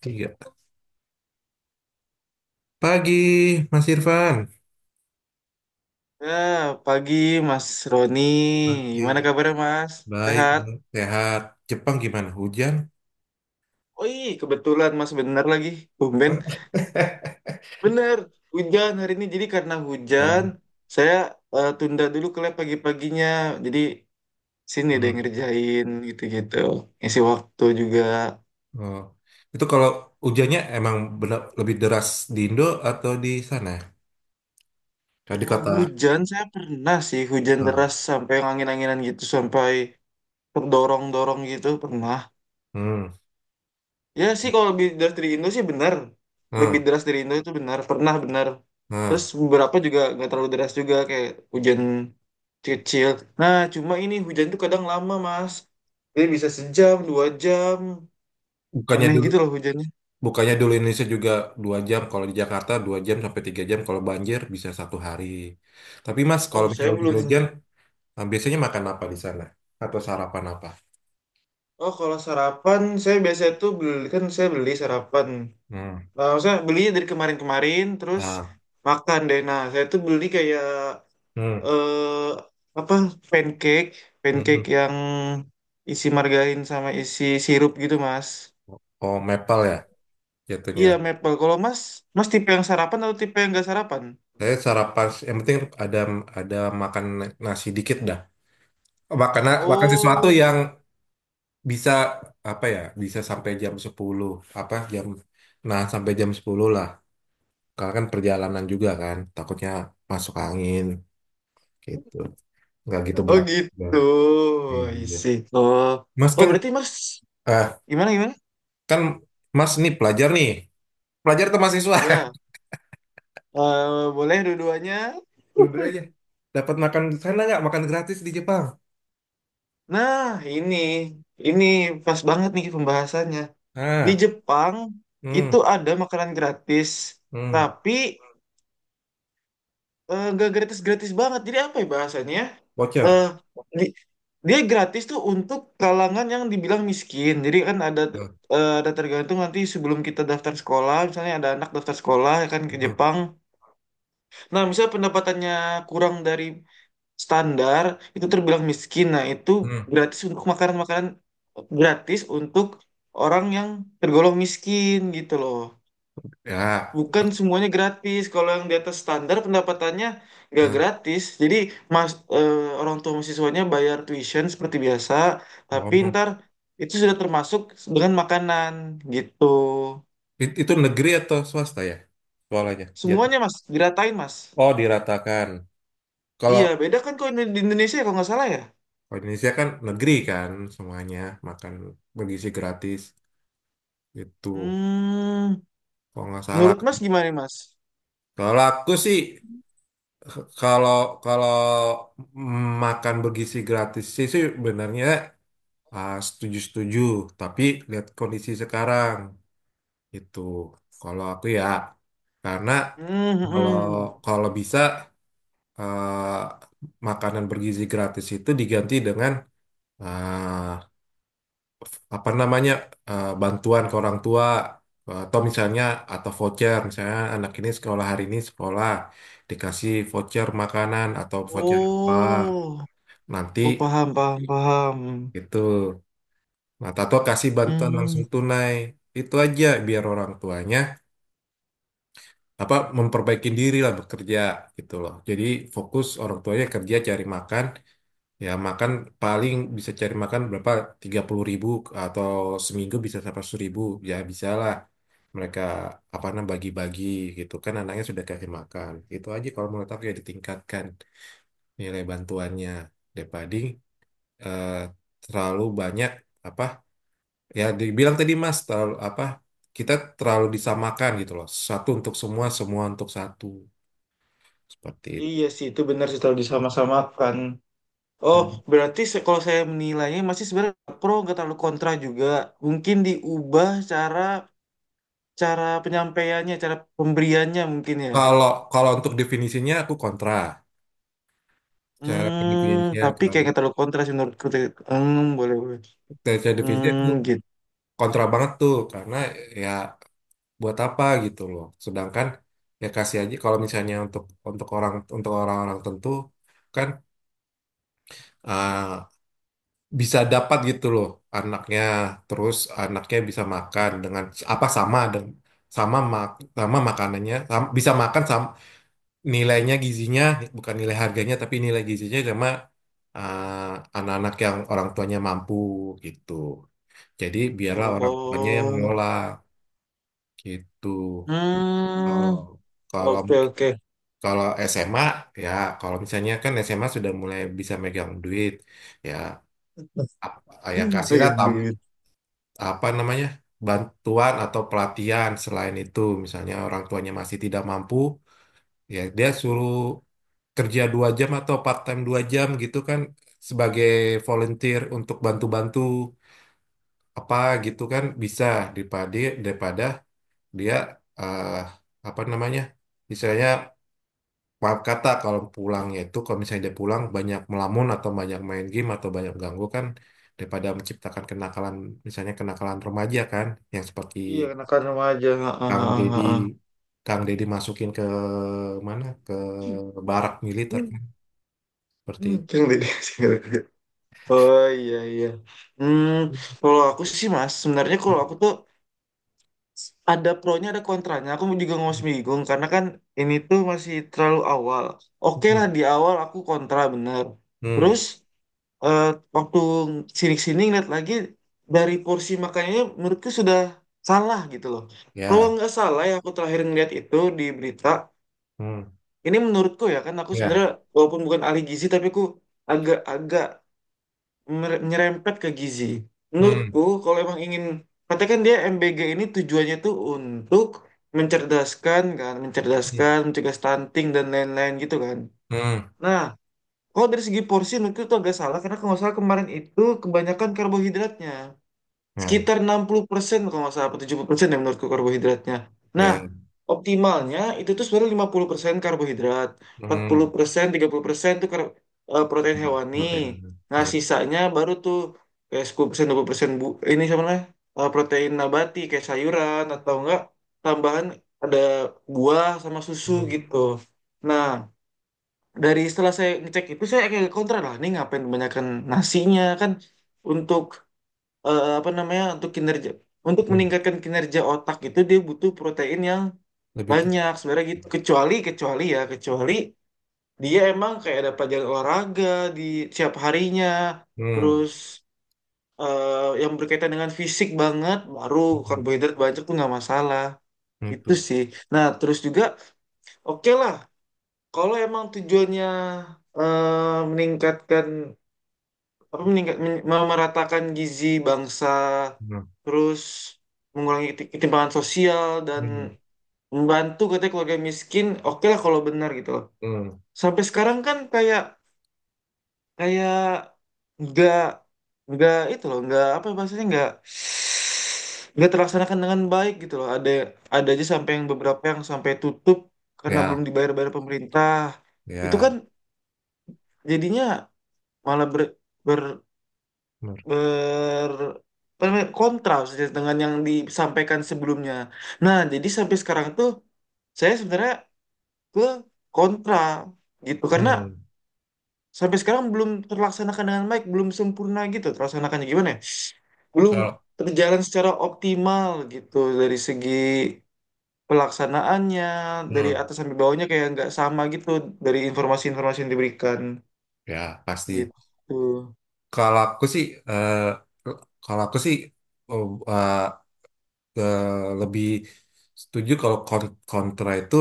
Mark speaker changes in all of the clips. Speaker 1: Tiga. Pagi, Mas Irfan.
Speaker 2: Nah, pagi Mas Roni.
Speaker 1: Pagi,
Speaker 2: Gimana kabarnya Mas?
Speaker 1: baik,
Speaker 2: Sehat?
Speaker 1: baik, sehat. Jepang gimana? Hujan?
Speaker 2: Oi, kebetulan Mas bener lagi. Tumben. Bener, hujan hari ini. Jadi karena hujan, saya tunda dulu ke lab pagi-paginya. Jadi sini deh
Speaker 1: Hmm.
Speaker 2: ngerjain gitu-gitu. Ngisi waktu juga.
Speaker 1: Oh. Itu kalau hujannya emang benar lebih deras di Indo atau di sana? Kalau di
Speaker 2: Kalau
Speaker 1: kota.
Speaker 2: hujan, saya pernah sih hujan
Speaker 1: Hmm.
Speaker 2: deras sampai yang angin-anginan gitu. Sampai terdorong-dorong gitu, pernah.
Speaker 1: Hmm.
Speaker 2: Ya sih kalau lebih deras dari Indo sih benar. Lebih
Speaker 1: Hmm.
Speaker 2: deras dari Indo itu benar. Pernah benar. Terus
Speaker 1: Hmm.
Speaker 2: beberapa juga nggak terlalu deras juga kayak hujan kecil. Nah cuma ini hujan tuh kadang lama mas. Jadi bisa sejam, 2 jam.
Speaker 1: Bukannya
Speaker 2: Aneh
Speaker 1: dulu,
Speaker 2: gitu loh hujannya.
Speaker 1: bukannya dulu Indonesia juga 2 jam. Kalau di Jakarta 2 jam sampai 3 jam. Kalau banjir bisa satu hari. Tapi Mas,
Speaker 2: Oh
Speaker 1: kalau misalnya
Speaker 2: saya belum.
Speaker 1: hujan-hujan, biasanya makan apa di sana? Atau sarapan apa?
Speaker 2: Oh kalau sarapan saya biasa tuh beli kan saya beli sarapan.
Speaker 1: Hmm.
Speaker 2: Nah, saya beli dari kemarin-kemarin terus
Speaker 1: Nah.
Speaker 2: makan deh. Nah saya tuh beli kayak
Speaker 1: Hmm,
Speaker 2: eh apa pancake,
Speaker 1: hmm.
Speaker 2: pancake yang isi margarin sama isi sirup gitu, Mas.
Speaker 1: Oh, maple ya jatuhnya.
Speaker 2: Iya, maple. Kalau Mas, Mas tipe yang sarapan atau tipe yang gak sarapan?
Speaker 1: Saya sarapan yang penting ada ada makan nasi dikit dah. Makan makan sesuatu
Speaker 2: Oh,
Speaker 1: yang bisa apa ya? Bisa sampai jam 10 apa jam nah sampai jam 10 lah. Karena kan perjalanan juga kan, takutnya masuk angin gitu. Nggak gitu
Speaker 2: oh
Speaker 1: berat.
Speaker 2: gitu.
Speaker 1: Ya. Iya.
Speaker 2: Isi. Oh,
Speaker 1: Mas
Speaker 2: oh
Speaker 1: kan,
Speaker 2: berarti Mas
Speaker 1: eh
Speaker 2: gimana gimana?
Speaker 1: kan Mas nih. Pelajar atau mahasiswa?
Speaker 2: Iya, eh, boleh dua-duanya.
Speaker 1: Dua-duanya. Dapat makan di sana nggak? Makan gratis di Jepang.
Speaker 2: Nah, ini ini pas banget nih pembahasannya. Di
Speaker 1: Ah.
Speaker 2: Jepang itu
Speaker 1: Hmm.
Speaker 2: ada makanan gratis,
Speaker 1: Hmm,
Speaker 2: tapi nggak gratis-gratis banget. Jadi apa ya bahasanya? Ya? Eh,
Speaker 1: voucher.
Speaker 2: di- dia gratis tuh untuk kalangan yang dibilang miskin. Jadi kan ada
Speaker 1: Hmm,
Speaker 2: ada tergantung nanti sebelum kita daftar sekolah, misalnya ada anak daftar sekolah ya kan ke
Speaker 1: hmm,
Speaker 2: Jepang. Nah, misalnya pendapatannya kurang dari standar, itu terbilang miskin. Nah, itu
Speaker 1: hmm.
Speaker 2: gratis untuk makanan-makanan gratis untuk orang yang tergolong miskin gitu loh.
Speaker 1: Ya.
Speaker 2: Bukan semuanya gratis. Kalau yang di atas standar pendapatannya nggak
Speaker 1: Hmm.
Speaker 2: gratis. Jadi mas eh, orang tua mahasiswanya bayar tuition seperti biasa, tapi
Speaker 1: Oh.
Speaker 2: ntar itu sudah termasuk dengan makanan gitu.
Speaker 1: Itu negeri atau swasta ya? Sekolahnya. Jat.
Speaker 2: Semuanya mas diratain mas.
Speaker 1: Oh, diratakan. Kalau
Speaker 2: Iya beda kan kalau di Indonesia ya, kalau nggak salah ya.
Speaker 1: kalau Indonesia kan negeri kan semuanya makan bergizi gratis itu
Speaker 2: Hmm,
Speaker 1: kalau nggak salah.
Speaker 2: menurut mas gimana nih, mas?
Speaker 1: Kalau aku sih, k- kalau kalau makan bergizi gratis sih sih sebenarnya setuju-setuju, tapi lihat kondisi sekarang itu. Kalau aku ya, karena
Speaker 2: Hmm,
Speaker 1: Kalau
Speaker 2: hmm, hmm.
Speaker 1: kalau bisa, eh, makanan bergizi gratis itu diganti dengan, eh, apa namanya, bantuan ke orang tua atau misalnya atau voucher, misalnya anak ini sekolah, hari ini sekolah dikasih voucher makanan atau voucher apa
Speaker 2: Oh,
Speaker 1: nanti
Speaker 2: oh paham paham paham.
Speaker 1: itu, nah, atau kasih bantuan langsung
Speaker 2: Hmm,
Speaker 1: tunai, itu aja biar orang tuanya apa memperbaiki diri lah bekerja gitu loh. Jadi fokus orang tuanya kerja cari makan, ya makan paling bisa cari makan berapa 30.000 atau seminggu bisa sampai 100 ribu, ya bisa lah mereka apa namanya bagi-bagi gitu kan, anaknya sudah kasih makan, itu aja kalau menurut aku, ya ditingkatkan nilai bantuannya, daripada eh, terlalu banyak apa, ya dibilang tadi Mas, terlalu apa, kita terlalu disamakan gitu loh, satu untuk semua, semua untuk satu, seperti itu.
Speaker 2: iya sih itu benar sih kalau disama-samakan. Oh,
Speaker 1: Dan
Speaker 2: berarti se- kalau saya menilainya masih sebenarnya nggak pro nggak terlalu kontra juga. Mungkin diubah cara cara penyampaiannya, cara pemberiannya mungkin ya.
Speaker 1: Kalau kalau untuk definisinya aku kontra. Cara
Speaker 2: Hmm,
Speaker 1: pendefinisinya
Speaker 2: tapi kayak
Speaker 1: kan.
Speaker 2: nggak terlalu kontra sih menurutku. Hmm, boleh boleh.
Speaker 1: Secara definisinya
Speaker 2: Hmm,
Speaker 1: aku
Speaker 2: gitu.
Speaker 1: kontra banget tuh, karena ya buat apa gitu loh. Sedangkan ya kasih aja, kalau misalnya untuk orang, untuk orang-orang tentu kan, eh, bisa dapat gitu loh anaknya, terus anaknya bisa makan dengan apa, sama dengan sama mak sama makanannya, bisa makan sama nilainya gizinya, bukan nilai harganya tapi nilai gizinya sama anak-anak yang orang tuanya mampu gitu. Jadi biarlah orang tuanya yang
Speaker 2: Oh,
Speaker 1: mengelola gitu.
Speaker 2: hmm,
Speaker 1: Kalau kalau
Speaker 2: oke oke.
Speaker 1: kalau SMA, ya kalau misalnya kan SMA sudah mulai bisa megang duit, ya ap- ya
Speaker 2: Hmm,
Speaker 1: kasihlah,
Speaker 2: pegang duit.
Speaker 1: apa namanya, bantuan atau pelatihan selain itu, misalnya orang tuanya masih tidak mampu, ya dia suruh kerja 2 jam atau part time 2 jam gitu kan, sebagai volunteer untuk bantu-bantu apa gitu kan bisa, daripada daripada dia, eh, apa namanya, misalnya maaf kata, kalau pulangnya itu kalau misalnya dia pulang banyak melamun atau banyak main game atau banyak ganggu kan, daripada menciptakan kenakalan, misalnya kenakalan remaja kan yang seperti
Speaker 2: Iya, anak-anak remaja. Ah,
Speaker 1: Kang
Speaker 2: ah,
Speaker 1: Deddy
Speaker 2: ah, ah.
Speaker 1: Kang Deddy masukin ke mana, ke barak militer
Speaker 2: Hmm,
Speaker 1: kan
Speaker 2: hmm,
Speaker 1: seperti
Speaker 2: pegang duit. Oh iya iya. Hmm, kalau aku sih mas, sebenarnya kalau aku tuh ada pronya ada kontranya aku juga masih bingung karena kan ini tuh masih terlalu awal. Oke
Speaker 1: itu.
Speaker 2: lah di awal aku kontra bener.
Speaker 1: Hmm,
Speaker 2: Terus eh, waktu sini-sini ngeliat lagi dari porsi makanannya menurutku sudah salah gitu loh. Kalau
Speaker 1: ya.
Speaker 2: nggak salah ya aku terakhir ngeliat itu di berita
Speaker 1: Hmm,
Speaker 2: ini menurutku ya kan aku
Speaker 1: ya.
Speaker 2: sebenarnya walaupun bukan ahli gizi tapi aku agak-agak mere- nyerempet ke gizi.
Speaker 1: Hmm,
Speaker 2: Menurutku kalau emang ingin katakan dia MBG ini tujuannya tuh untuk mencerdaskan kan,
Speaker 1: hmm,
Speaker 2: mencerdaskan, mencegah stunting dan lain-lain gitu kan.
Speaker 1: 음,
Speaker 2: Nah, kalau dari segi porsi menurutku itu agak salah karena kalau nggak salah kemarin itu kebanyakan karbohidratnya
Speaker 1: ya.
Speaker 2: sekitar 60% kalau nggak salah, atau 70% ya menurutku karbohidratnya. Nah,
Speaker 1: 야,
Speaker 2: optimalnya itu tuh sebenarnya 50% karbohidrat,
Speaker 1: 음,
Speaker 2: 40%, 30% tuh kar- protein hewani.
Speaker 1: 나 때리는,
Speaker 2: Nah,
Speaker 1: 아,
Speaker 2: sisanya baru tuh kayak 10%, 20% bu ini sama namanya, protein nabati kayak sayuran atau enggak tambahan ada buah sama susu
Speaker 1: 음,
Speaker 2: gitu. Nah, dari setelah saya ngecek itu saya kayak kontra lah, ini ngapain kebanyakan nasinya kan untuk apa namanya untuk kinerja untuk
Speaker 1: 음,
Speaker 2: meningkatkan kinerja otak itu dia butuh protein yang
Speaker 1: lebih tinggi.
Speaker 2: banyak sebenarnya gitu kecuali kecuali ya kecuali dia emang kayak ada pelajaran olahraga di setiap harinya
Speaker 1: Hmm,
Speaker 2: terus yang berkaitan dengan fisik banget baru
Speaker 1: 음,
Speaker 2: karbohidrat banyak tuh nggak masalah gitu
Speaker 1: itu.
Speaker 2: sih. Nah terus juga oke lah kalau emang tujuannya meningkatkan apa meningkat men- memeratakan gizi bangsa
Speaker 1: Hmm,
Speaker 2: terus mengurangi keti- ketimpangan sosial dan
Speaker 1: 음,
Speaker 2: membantu katanya keluarga miskin oke lah kalau benar gitu loh.
Speaker 1: 음,
Speaker 2: Sampai sekarang kan kayak kayak nggak nggak itu loh nggak apa bahasanya nggak terlaksanakan dengan baik gitu loh ada aja sampai yang beberapa yang sampai tutup karena belum
Speaker 1: ya,
Speaker 2: dibayar-bayar pemerintah itu kan
Speaker 1: ya,
Speaker 2: jadinya malah ber, ber-
Speaker 1: benar,
Speaker 2: ber apa namanya, kontras ya, dengan yang disampaikan sebelumnya. Nah, jadi sampai sekarang tuh saya sebenarnya ke kontra gitu karena
Speaker 1: hmm,
Speaker 2: sampai sekarang belum terlaksanakan dengan baik, belum sempurna gitu terlaksanakannya gimana ya? Belum
Speaker 1: kalau,
Speaker 2: terjalan secara optimal gitu dari segi pelaksanaannya dari
Speaker 1: hmm,
Speaker 2: atas sampai bawahnya kayak nggak sama gitu dari informasi-informasi yang diberikan
Speaker 1: ya, pasti.
Speaker 2: gitu.
Speaker 1: Kalau aku sih, eh, kalau aku sih, oh, eh, lebih setuju kalau kontra itu,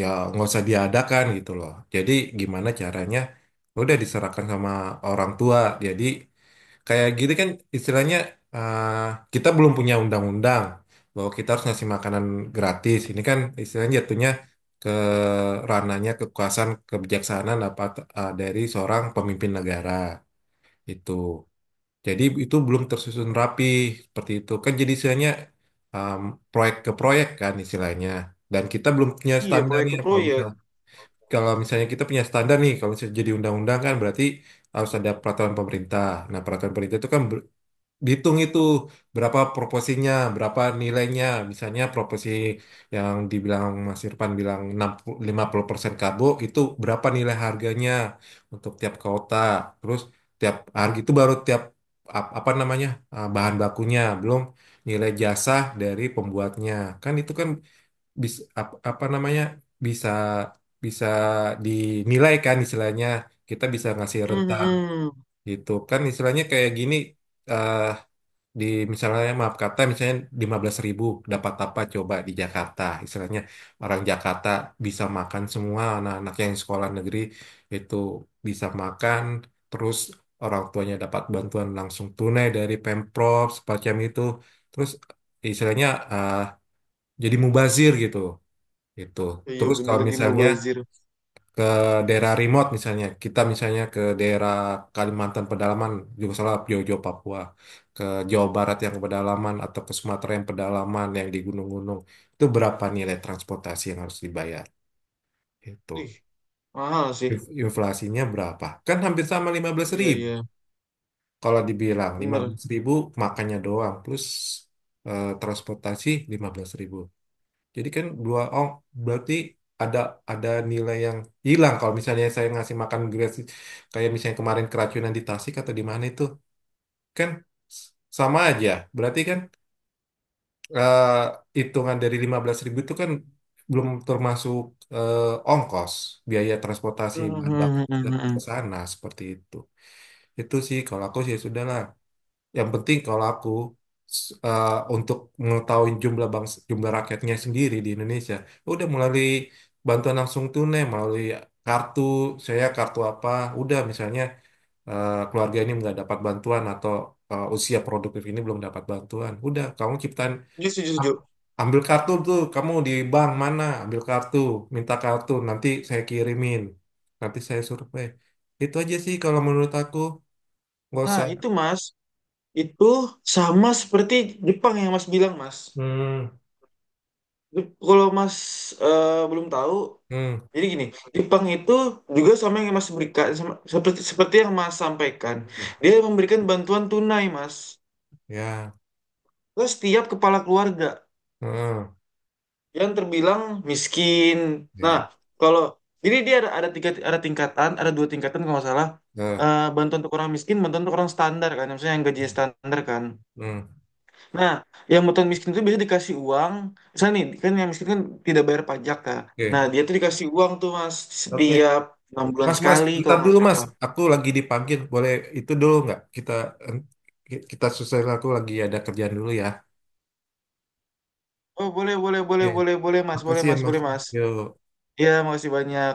Speaker 1: ya nggak usah diadakan gitu loh. Jadi gimana caranya? Ya udah diserahkan sama orang tua. Jadi kayak gini kan istilahnya, eh, kita belum punya undang-undang bahwa kita harus ngasih makanan gratis. Ini kan istilahnya jatuhnya ke ranahnya kekuasaan kebijaksanaan apa, dari seorang pemimpin negara itu. Jadi itu belum tersusun rapi seperti itu kan, jadi istilahnya, um, proyek ke proyek kan istilahnya, dan kita belum punya
Speaker 2: Iya, proyek
Speaker 1: standarnya.
Speaker 2: ke
Speaker 1: kalau
Speaker 2: proyek.
Speaker 1: misal kalau misalnya kita punya standar nih, kalau misalnya jadi undang-undang kan berarti harus ada peraturan pemerintah. Nah, peraturan pemerintah itu kan dihitung itu berapa proporsinya, berapa nilainya. Misalnya proporsi yang dibilang Mas Irfan, bilang 60 50% karbo itu berapa nilai harganya untuk tiap kota. Terus tiap harga itu baru tiap apa namanya, bahan bakunya, belum nilai jasa dari pembuatnya. Kan itu kan bisa apa namanya, bisa bisa dinilai kan, istilahnya kita bisa ngasih rentang
Speaker 2: Mhm.
Speaker 1: gitu kan. Istilahnya kayak gini, eh, di misalnya maaf kata, misalnya 15.000 dapat apa coba di Jakarta, istilahnya orang Jakarta bisa makan semua, anak-anak yang sekolah negeri itu bisa makan, terus orang tuanya dapat bantuan langsung tunai dari Pemprov semacam itu, terus istilahnya, eh, jadi mubazir gitu itu.
Speaker 2: Iya
Speaker 1: Terus
Speaker 2: bener
Speaker 1: kalau
Speaker 2: lagi
Speaker 1: misalnya
Speaker 2: mubazir.
Speaker 1: ke daerah remote, misalnya kita misalnya ke daerah Kalimantan pedalaman, juga salah Jojo Papua, ke Jawa Barat yang pedalaman atau ke Sumatera yang pedalaman yang di gunung-gunung itu, berapa nilai transportasi yang harus dibayar itu,
Speaker 2: Ih, mahal sih.
Speaker 1: inflasinya berapa kan hampir sama lima belas
Speaker 2: Iya,
Speaker 1: ribu
Speaker 2: iya.
Speaker 1: Kalau dibilang lima
Speaker 2: Bener.
Speaker 1: belas ribu makannya doang plus transportasi 15.000, jadi kan dua. Oh berarti ada nilai yang hilang kalau misalnya saya ngasih makan gratis, kayak misalnya kemarin keracunan di Tasik atau di mana itu, kan s- sama aja. Berarti kan, eh, hitungan dari 15.000 itu kan belum termasuk, eh, ongkos, biaya transportasi bahan bakar ke
Speaker 2: Hmm.
Speaker 1: sana seperti itu. Itu sih kalau aku sih sudah lah. Yang penting kalau aku, untuk mengetahui jumlah bangsa, jumlah rakyatnya sendiri di Indonesia, ya udah melalui bantuan langsung tunai, melalui kartu, saya kartu apa, udah misalnya, keluarga ini nggak dapat bantuan, atau usia produktif ini belum dapat bantuan, udah kamu ciptain,
Speaker 2: Iya, setuju, setuju.
Speaker 1: a- ambil kartu tuh, kamu di bank mana, ambil kartu, minta kartu, nanti saya kirimin, nanti saya survei. Itu aja sih kalau menurut aku, nggak
Speaker 2: Nah,
Speaker 1: usah.
Speaker 2: itu Mas, itu sama seperti Jepang yang Mas bilang, Mas.
Speaker 1: Hmm,
Speaker 2: Jep- kalau Mas belum tahu,
Speaker 1: hmm.
Speaker 2: jadi gini, Jepang itu juga sama yang Mas berikan, sama- seperti seperti yang Mas sampaikan. Dia memberikan bantuan tunai, Mas.
Speaker 1: Ya,
Speaker 2: Terus setiap kepala keluarga.
Speaker 1: heeh,
Speaker 2: Yang terbilang miskin. Nah,
Speaker 1: ya,
Speaker 2: kalau jadi dia ada tiga ada tingkatan, ada dua tingkatan kalau nggak salah.
Speaker 1: heeh.
Speaker 2: Eh, bantuan untuk orang miskin, bantuan untuk orang standar kan, maksudnya yang gajinya standar kan.
Speaker 1: Hmm.
Speaker 2: Nah, yang bantuan miskin itu biasanya dikasih uang. Misalnya nih, kan yang miskin kan tidak bayar pajak kan. Nah,
Speaker 1: Oke,
Speaker 2: dia tuh dikasih uang tuh mas
Speaker 1: oke.
Speaker 2: setiap 6 bulan
Speaker 1: Mas, Mas,
Speaker 2: sekali
Speaker 1: bentar
Speaker 2: kalau nggak
Speaker 1: dulu, Mas.
Speaker 2: salah.
Speaker 1: Aku lagi dipanggil, boleh itu dulu nggak? Kita selesai, aku lagi ada kerjaan dulu ya.
Speaker 2: Oh boleh boleh boleh
Speaker 1: Oke,
Speaker 2: boleh boleh mas, boleh
Speaker 1: makasih ya,
Speaker 2: mas
Speaker 1: Mas.
Speaker 2: boleh mas.
Speaker 1: Yuk.
Speaker 2: Iya makasih banyak.